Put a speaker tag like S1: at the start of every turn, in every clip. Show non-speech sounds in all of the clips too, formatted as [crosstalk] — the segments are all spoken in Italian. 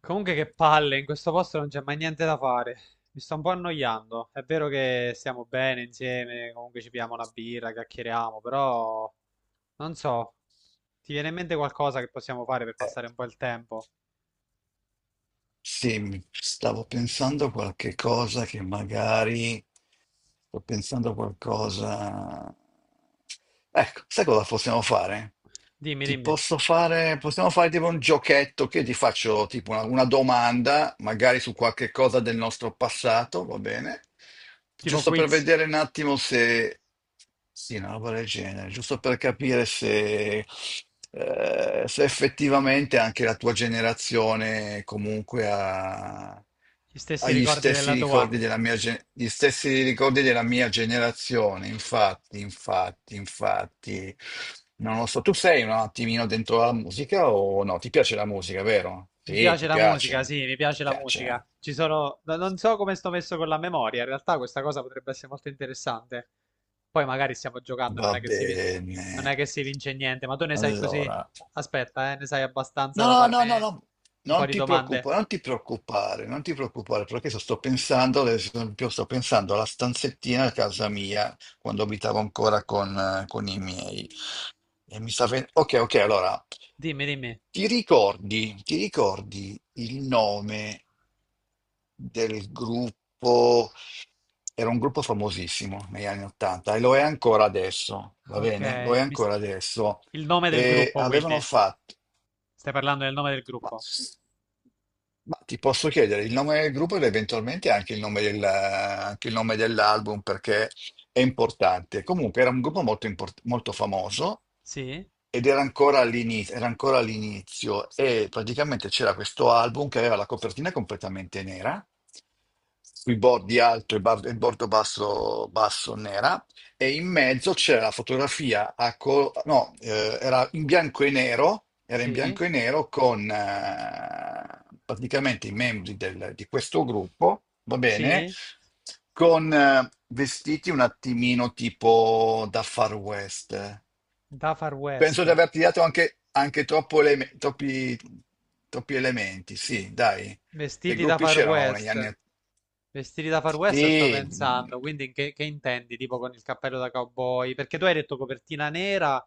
S1: Comunque che palle, in questo posto non c'è mai niente da fare. Mi sto un po' annoiando. È vero che stiamo bene insieme, comunque ci pigliamo una birra, chiacchieriamo, però non so, ti viene in mente qualcosa che possiamo fare per passare
S2: Eh,
S1: un po' il tempo?
S2: sì, stavo pensando a qualche cosa che magari sto pensando a qualcosa. Ecco, sai cosa possiamo fare?
S1: Dimmi,
S2: Ti
S1: dimmi,
S2: posso fare, possiamo fare tipo un giochetto che ti faccio tipo una domanda, magari su qualche cosa del nostro passato, va bene?
S1: tipo
S2: Giusto per
S1: quiz,
S2: vedere un attimo se. Sì, una roba del genere, giusto per capire se, se effettivamente anche la tua generazione comunque ha
S1: gli stessi
S2: agli
S1: ricordi
S2: stessi
S1: della tua.
S2: ricordi della mia, gli stessi ricordi della mia generazione. Infatti, infatti, infatti, non lo so. Tu sei un attimino dentro la musica o no? Ti piace la musica, vero?
S1: Mi
S2: Sì,
S1: piace
S2: ti
S1: la musica,
S2: piace,
S1: sì, mi
S2: ti
S1: piace la musica.
S2: piace.
S1: Ci sono... Non so come sto messo con la memoria, in realtà questa cosa potrebbe essere molto interessante. Poi magari stiamo giocando,
S2: Va
S1: non è che si, vin- non
S2: bene.
S1: è che si vince niente, ma tu ne sai così?
S2: Allora.
S1: Aspetta, ne sai abbastanza da
S2: No,
S1: farmi
S2: no, no, no, no.
S1: un po'
S2: Non
S1: di
S2: ti
S1: domande.
S2: preoccupare, non ti preoccupare, non ti preoccupare, perché adesso sto pensando, ad esempio, sto pensando alla stanzettina a casa mia, quando abitavo ancora con i miei. Ok, ok, allora,
S1: Dimmi.
S2: ti ricordi il nome del gruppo? Era un gruppo famosissimo negli anni 80 e lo è ancora adesso, va
S1: Ok,
S2: bene? Lo è
S1: mi s-
S2: ancora adesso
S1: il nome del
S2: e
S1: gruppo,
S2: avevano
S1: quindi.
S2: fatto
S1: Stai parlando del nome del
S2: ma,
S1: gruppo?
S2: s- ma ti posso chiedere il nome del gruppo ed eventualmente anche il nome anche il nome dell'album perché è importante. Comunque era un gruppo molto famoso
S1: Sì,
S2: ed era ancora all'inizio e praticamente c'era questo album che aveva la copertina completamente nera, sui bordi alto e e il bordo basso, basso nera e in mezzo c'era la fotografia no, era in bianco e nero, era in
S1: sì,
S2: bianco e nero con praticamente i membri di questo gruppo, va bene,
S1: sì.
S2: con vestiti un attimino tipo da Far West.
S1: Da Far
S2: Penso
S1: West.
S2: di averti dato anche, anche troppi elementi, sì, dai. Che
S1: Vestiti da
S2: gruppi
S1: Far
S2: c'erano negli anni.
S1: West. Vestiti da Far West sto
S2: Sì,
S1: pensando, quindi che intendi? Tipo con il cappello da cowboy? Perché tu hai detto copertina nera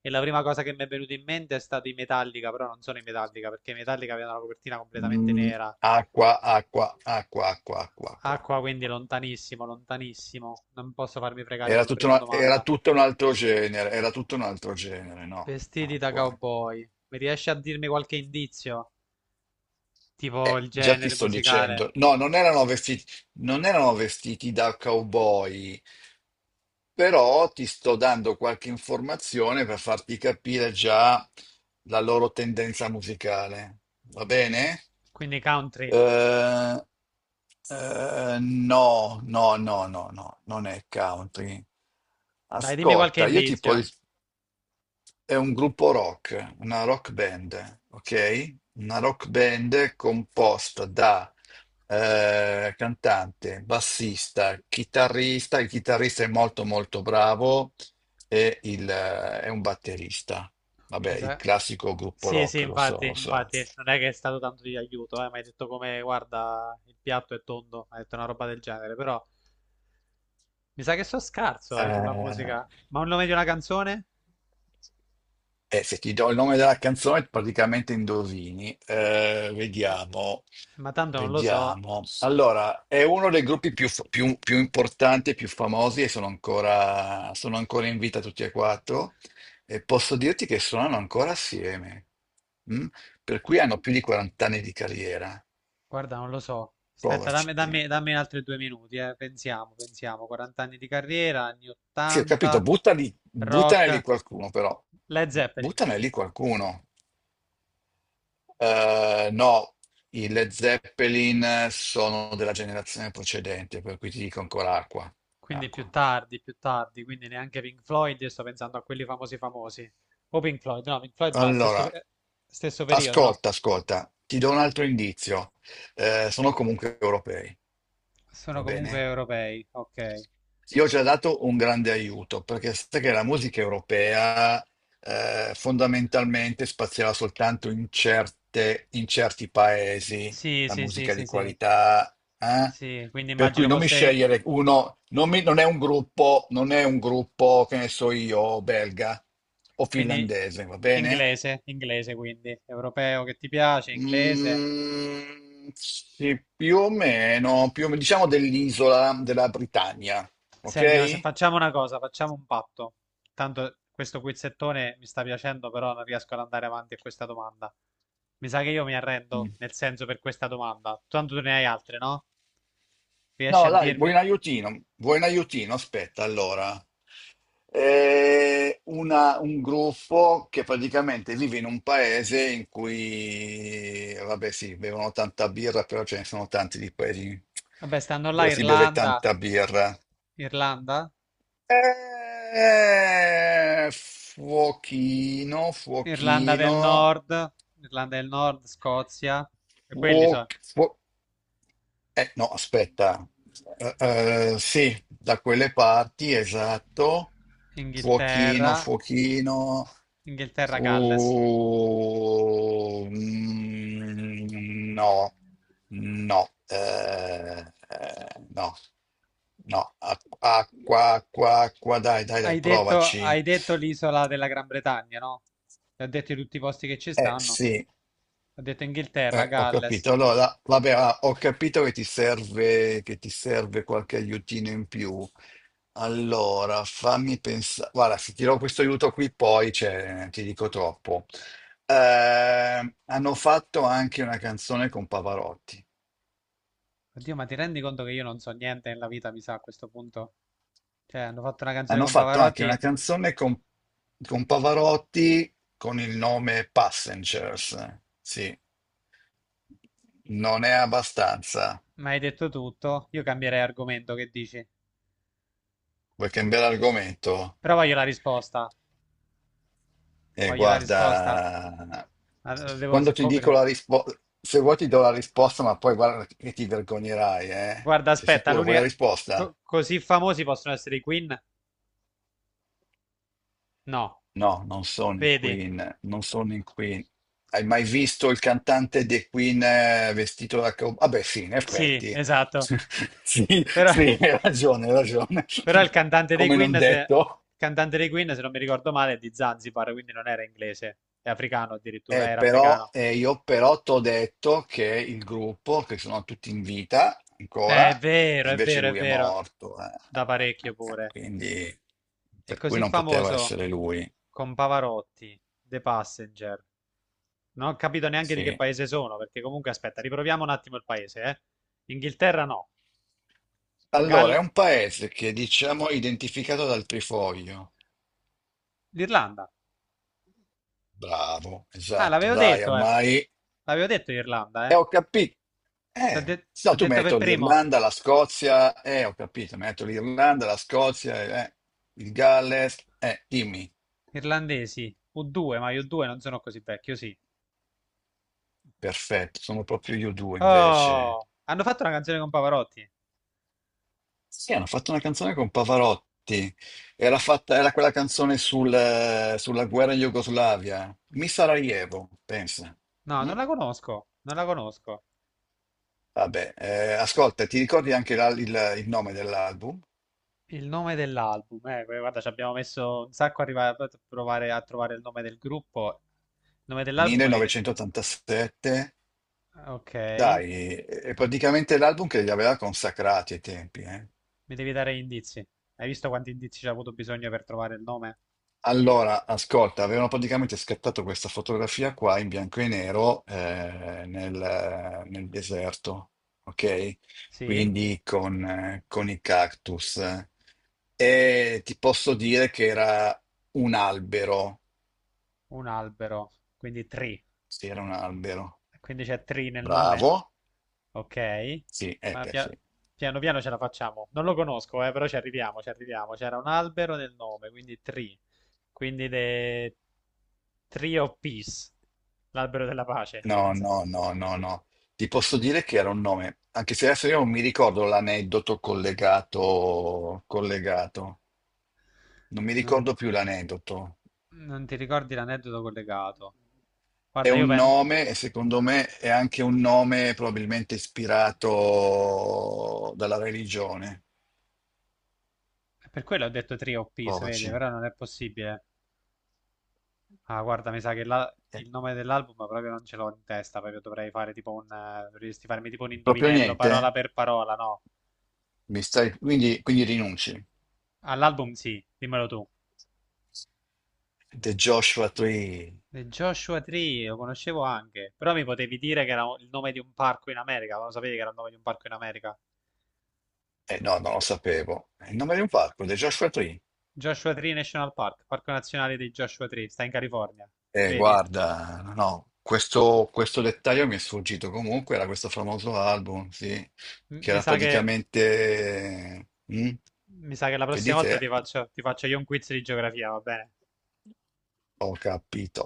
S1: e la prima cosa che mi è venuta in mente è stato i Metallica, però non sono i Metallica, perché i Metallica avevano la copertina completamente
S2: Mm,
S1: nera.
S2: acqua, acqua, acqua, acqua, acqua, acqua.
S1: Acqua quindi lontanissimo, lontanissimo. Non posso farmi fregare
S2: Era
S1: con la
S2: tutto,
S1: prima
S2: una- era
S1: domanda.
S2: tutto un altro genere, era tutto un altro genere, no?
S1: Vestiti da
S2: Acqua.
S1: cowboy. Mi riesci a dirmi qualche indizio? Tipo il
S2: Già ti
S1: genere
S2: sto
S1: musicale.
S2: dicendo. No, non erano vestiti, non erano vestiti da cowboy, però ti sto dando qualche informazione per farti capire già la loro tendenza musicale. Va bene?
S1: Quindi country.
S2: Eh, no, no, no, no, no, non è country.
S1: Dai, dimmi qualche
S2: Ascolta,
S1: indizio.
S2: è un gruppo rock, una rock band, ok? Una rock band composta da cantante, bassista, chitarrista, il chitarrista è molto molto bravo e è un batterista. Vabbè,
S1: Mi
S2: il
S1: sa...
S2: classico gruppo
S1: Sì, sì,
S2: rock, lo so,
S1: infatti,
S2: lo so.
S1: infatti, non è che è stato tanto di aiuto, mi hai detto come, guarda, il piatto è tondo, hai detto una roba del genere, però mi sa che so scarso, sulla
S2: Eh,
S1: musica. Ma un nome di una canzone?
S2: se ti do il nome della canzone, praticamente indovini. Eh,
S1: Eh,
S2: vediamo.
S1: ma tanto non lo so,
S2: Vediamo. Allora, è uno dei gruppi più importanti e più famosi e sono ancora in vita tutti e quattro e posso dirti che suonano ancora assieme, mm? Per cui hanno più di 40 anni di carriera.
S1: guarda, non lo so. Aspetta,
S2: Provaci.
S1: dammi altri due minuti, pensiamo. 40 anni di carriera, anni
S2: Sì, ho capito,
S1: 80,
S2: buttali, buttane lì
S1: rock,
S2: qualcuno però,
S1: Led Zeppelin.
S2: buttane lì qualcuno. No, i Led Zeppelin sono della generazione precedente, per cui ti dico ancora acqua,
S1: Quindi
S2: acqua.
S1: più tardi, quindi neanche Pink Floyd, io sto pensando a quelli famosi famosi. O Pink Floyd no, è
S2: Allora,
S1: stesso, stesso periodo, no?
S2: ascolta, ascolta, ti do un altro indizio. Sono comunque europei,
S1: Sono
S2: va
S1: comunque
S2: bene?
S1: europei, ok.
S2: Io ho già dato un grande aiuto, perché sai che la musica europea fondamentalmente spaziava soltanto in certi paesi,
S1: Sì,
S2: la
S1: sì, sì,
S2: musica
S1: sì,
S2: di
S1: sì,
S2: qualità, eh?
S1: sì, quindi
S2: Per cui
S1: immagino
S2: non mi
S1: fosse,
S2: scegliere uno, non è un gruppo, non è un gruppo, che ne so io, belga o
S1: quindi
S2: finlandese, va bene?
S1: inglese, inglese quindi, europeo che ti piace, inglese.
S2: Mm, sì, più o meno, diciamo dell'isola della Britannia,
S1: Senti, ma se
S2: ok?
S1: facciamo una cosa, facciamo un patto. Tanto questo quizzettone mi sta piacendo, però non riesco ad andare avanti a questa domanda. Mi sa che io mi arrendo,
S2: Mm.
S1: nel senso per questa domanda. Tanto tu ne hai altre, no? Riesci a
S2: No, dai,
S1: dirmi?
S2: vuoi un aiutino? Vuoi un aiutino? Aspetta, allora. È un gruppo che praticamente vive in un paese in cui, vabbè, sì, bevono tanta birra, però ce ne sono tanti di paesi
S1: Vabbè, stanno là
S2: dove si beve
S1: Irlanda,
S2: tanta birra.
S1: Irlanda,
S2: Fuochino,
S1: Irlanda
S2: fuochino,
S1: del Nord, Irlanda del Nord, Scozia, e quelli
S2: fuo-
S1: so,
S2: fuo- no, aspetta. Eh, sì, da quelle parti, esatto. Fuochino,
S1: Inghilterra,
S2: fuochino.
S1: Inghilterra, Galles.
S2: Mm, no, no, eh, no, no. Acqua, acqua, acqua, dai, dai, dai, provaci.
S1: Hai detto l'isola della Gran Bretagna, no? Ti ho detto tutti i posti che ci stanno.
S2: Sì.
S1: Ho detto Inghilterra,
S2: Ho
S1: Galles.
S2: capito. Allora, vabbè, ah, ho capito che ti serve qualche aiutino in più. Allora, fammi pensare. Guarda, se ti do questo aiuto qui, poi cioè, ti dico troppo. Hanno fatto anche una canzone con Pavarotti.
S1: Oddio, ma ti rendi conto che io non so niente nella vita, mi sa, a questo punto? Cioè, hanno fatto una canzone
S2: Hanno
S1: con
S2: fatto anche una
S1: Pavarotti,
S2: canzone con Pavarotti con il nome Passengers. Sì, non è abbastanza.
S1: ma hai detto tutto. Io cambierei argomento, che dici?
S2: Vuoi cambiare argomento?
S1: Però voglio la risposta.
S2: Eh,
S1: Voglio la risposta.
S2: guarda,
S1: Ma la devo
S2: quando
S1: se
S2: ti dico
S1: coprire.
S2: la risposta, se vuoi ti do la risposta, ma poi guarda che ti vergognerai, eh?
S1: Guarda,
S2: Sei
S1: aspetta,
S2: sicuro? Vuoi la risposta?
S1: così famosi possono essere i Queen? No.
S2: No, non sono i
S1: Vedi?
S2: Queen, non sono i Queen. Hai mai visto il cantante dei Queen vestito da cowboy? Vabbè, sì, in
S1: Sì,
S2: effetti.
S1: esatto.
S2: [laughs] Sì,
S1: Però,
S2: sì, hai ragione, hai ragione.
S1: però il
S2: [laughs]
S1: cantante dei
S2: Come non
S1: Queen, se,
S2: detto.
S1: il cantante dei Queen, se non mi ricordo male, è di Zanzibar, quindi non era inglese, è africano addirittura,
S2: Eh,
S1: era
S2: però,
S1: africano.
S2: io però t'ho detto che il gruppo, che sono tutti in vita
S1: È
S2: ancora, e
S1: vero, è
S2: invece
S1: vero, è
S2: lui è
S1: vero.
S2: morto.
S1: Da parecchio pure.
S2: Quindi,
S1: È
S2: per cui
S1: così
S2: non poteva
S1: famoso
S2: essere lui.
S1: con Pavarotti, The Passenger. Non ho capito neanche di che
S2: Sì.
S1: paese sono, perché comunque aspetta, riproviamo un attimo il paese, eh. Inghilterra no.
S2: Allora, è
S1: Gal...
S2: un paese che diciamo è identificato dal trifoglio.
S1: L'Irlanda.
S2: Bravo,
S1: Ah,
S2: esatto,
S1: l'avevo
S2: dai,
S1: detto, eh.
S2: ormai.
S1: L'avevo detto Irlanda,
S2: E
S1: eh.
S2: ho capito. Eh, no,
S1: Ho
S2: tu
S1: detto per
S2: metto
S1: primo
S2: l'Irlanda, la Scozia, ho capito, metto l'Irlanda, la Scozia, il Galles, dimmi.
S1: irlandesi. U2, ma io U2 non sono così vecchio, sì.
S2: Perfetto, sono proprio io due invece.
S1: Oh, hanno fatto una canzone con Pavarotti?
S2: Sì, hanno fatto una canzone con Pavarotti. Era fatta, era quella canzone sulla guerra in Jugoslavia. Mi Sarajevo, pensa.
S1: No,
S2: Mm?
S1: non la conosco, non la conosco.
S2: Vabbè, ascolta, ti ricordi anche il nome dell'album?
S1: Il nome dell'album, guarda, ci abbiamo messo un sacco a arrivare a provare a trovare il nome del gruppo. Il nome dell'album mi... de-
S2: 1987.
S1: Ok, mi
S2: Dai, è praticamente l'album che li aveva consacrati ai tempi, eh?
S1: devi dare gli indizi. Hai visto quanti indizi ci ha avuto bisogno per trovare il nome?
S2: Allora, ascolta, avevano praticamente scattato questa fotografia qua in bianco e nero nel deserto, ok?
S1: Sì,
S2: Quindi con i cactus. E ti posso dire che era un albero.
S1: un albero, quindi tri.
S2: Sì, era un albero.
S1: Quindi c'è tri nel nome?
S2: Bravo.
S1: Ok,
S2: Sì,
S1: ma
S2: beh, sì.
S1: pia- piano piano ce la facciamo. Non lo conosco, però ci arriviamo, ci arriviamo. C'era un albero nel nome, quindi tree. Quindi the Tree of Peace, l'albero della pace.
S2: No,
S1: Non, so.
S2: no, no, no, no. Ti posso dire che era un nome, anche se adesso io non mi ricordo l'aneddoto collegato, collegato. Non mi
S1: Non-
S2: ricordo più l'aneddoto.
S1: non ti ricordi l'aneddoto collegato?
S2: È
S1: Guarda, io
S2: un
S1: penso...
S2: nome e secondo me è anche un nome probabilmente ispirato dalla religione.
S1: Per quello ho detto Tree of Peace, vedi,
S2: Provaci.
S1: però non è possibile. Ah, guarda, mi sa che
S2: Eh,
S1: il nome dell'album proprio non ce l'ho in testa, proprio dovrei fare tipo un... Dovresti farmi tipo un
S2: Proprio
S1: indovinello
S2: niente?
S1: parola per parola, no?
S2: Mi stai. Quindi rinunci.
S1: All'album sì, dimmelo tu.
S2: The Joshua Tree.
S1: Joshua Tree lo conoscevo anche, però mi potevi dire che era il nome di un parco in America, ma lo sapevi che era il nome di un parco in America?
S2: Eh no, non lo sapevo. È il nome di un parco, The Joshua Tree.
S1: Joshua Tree National Park, parco nazionale di Joshua Tree, sta in California, vedi?
S2: Guarda, no, no, questo dettaglio mi è sfuggito. Comunque era questo famoso album, sì,
S1: M-
S2: che
S1: mi
S2: era
S1: sa che,
S2: praticamente. mm,
S1: mi sa che la
S2: vedi
S1: prossima
S2: te,
S1: volta ti faccio io un quiz di geografia, va bene?
S2: ho capito.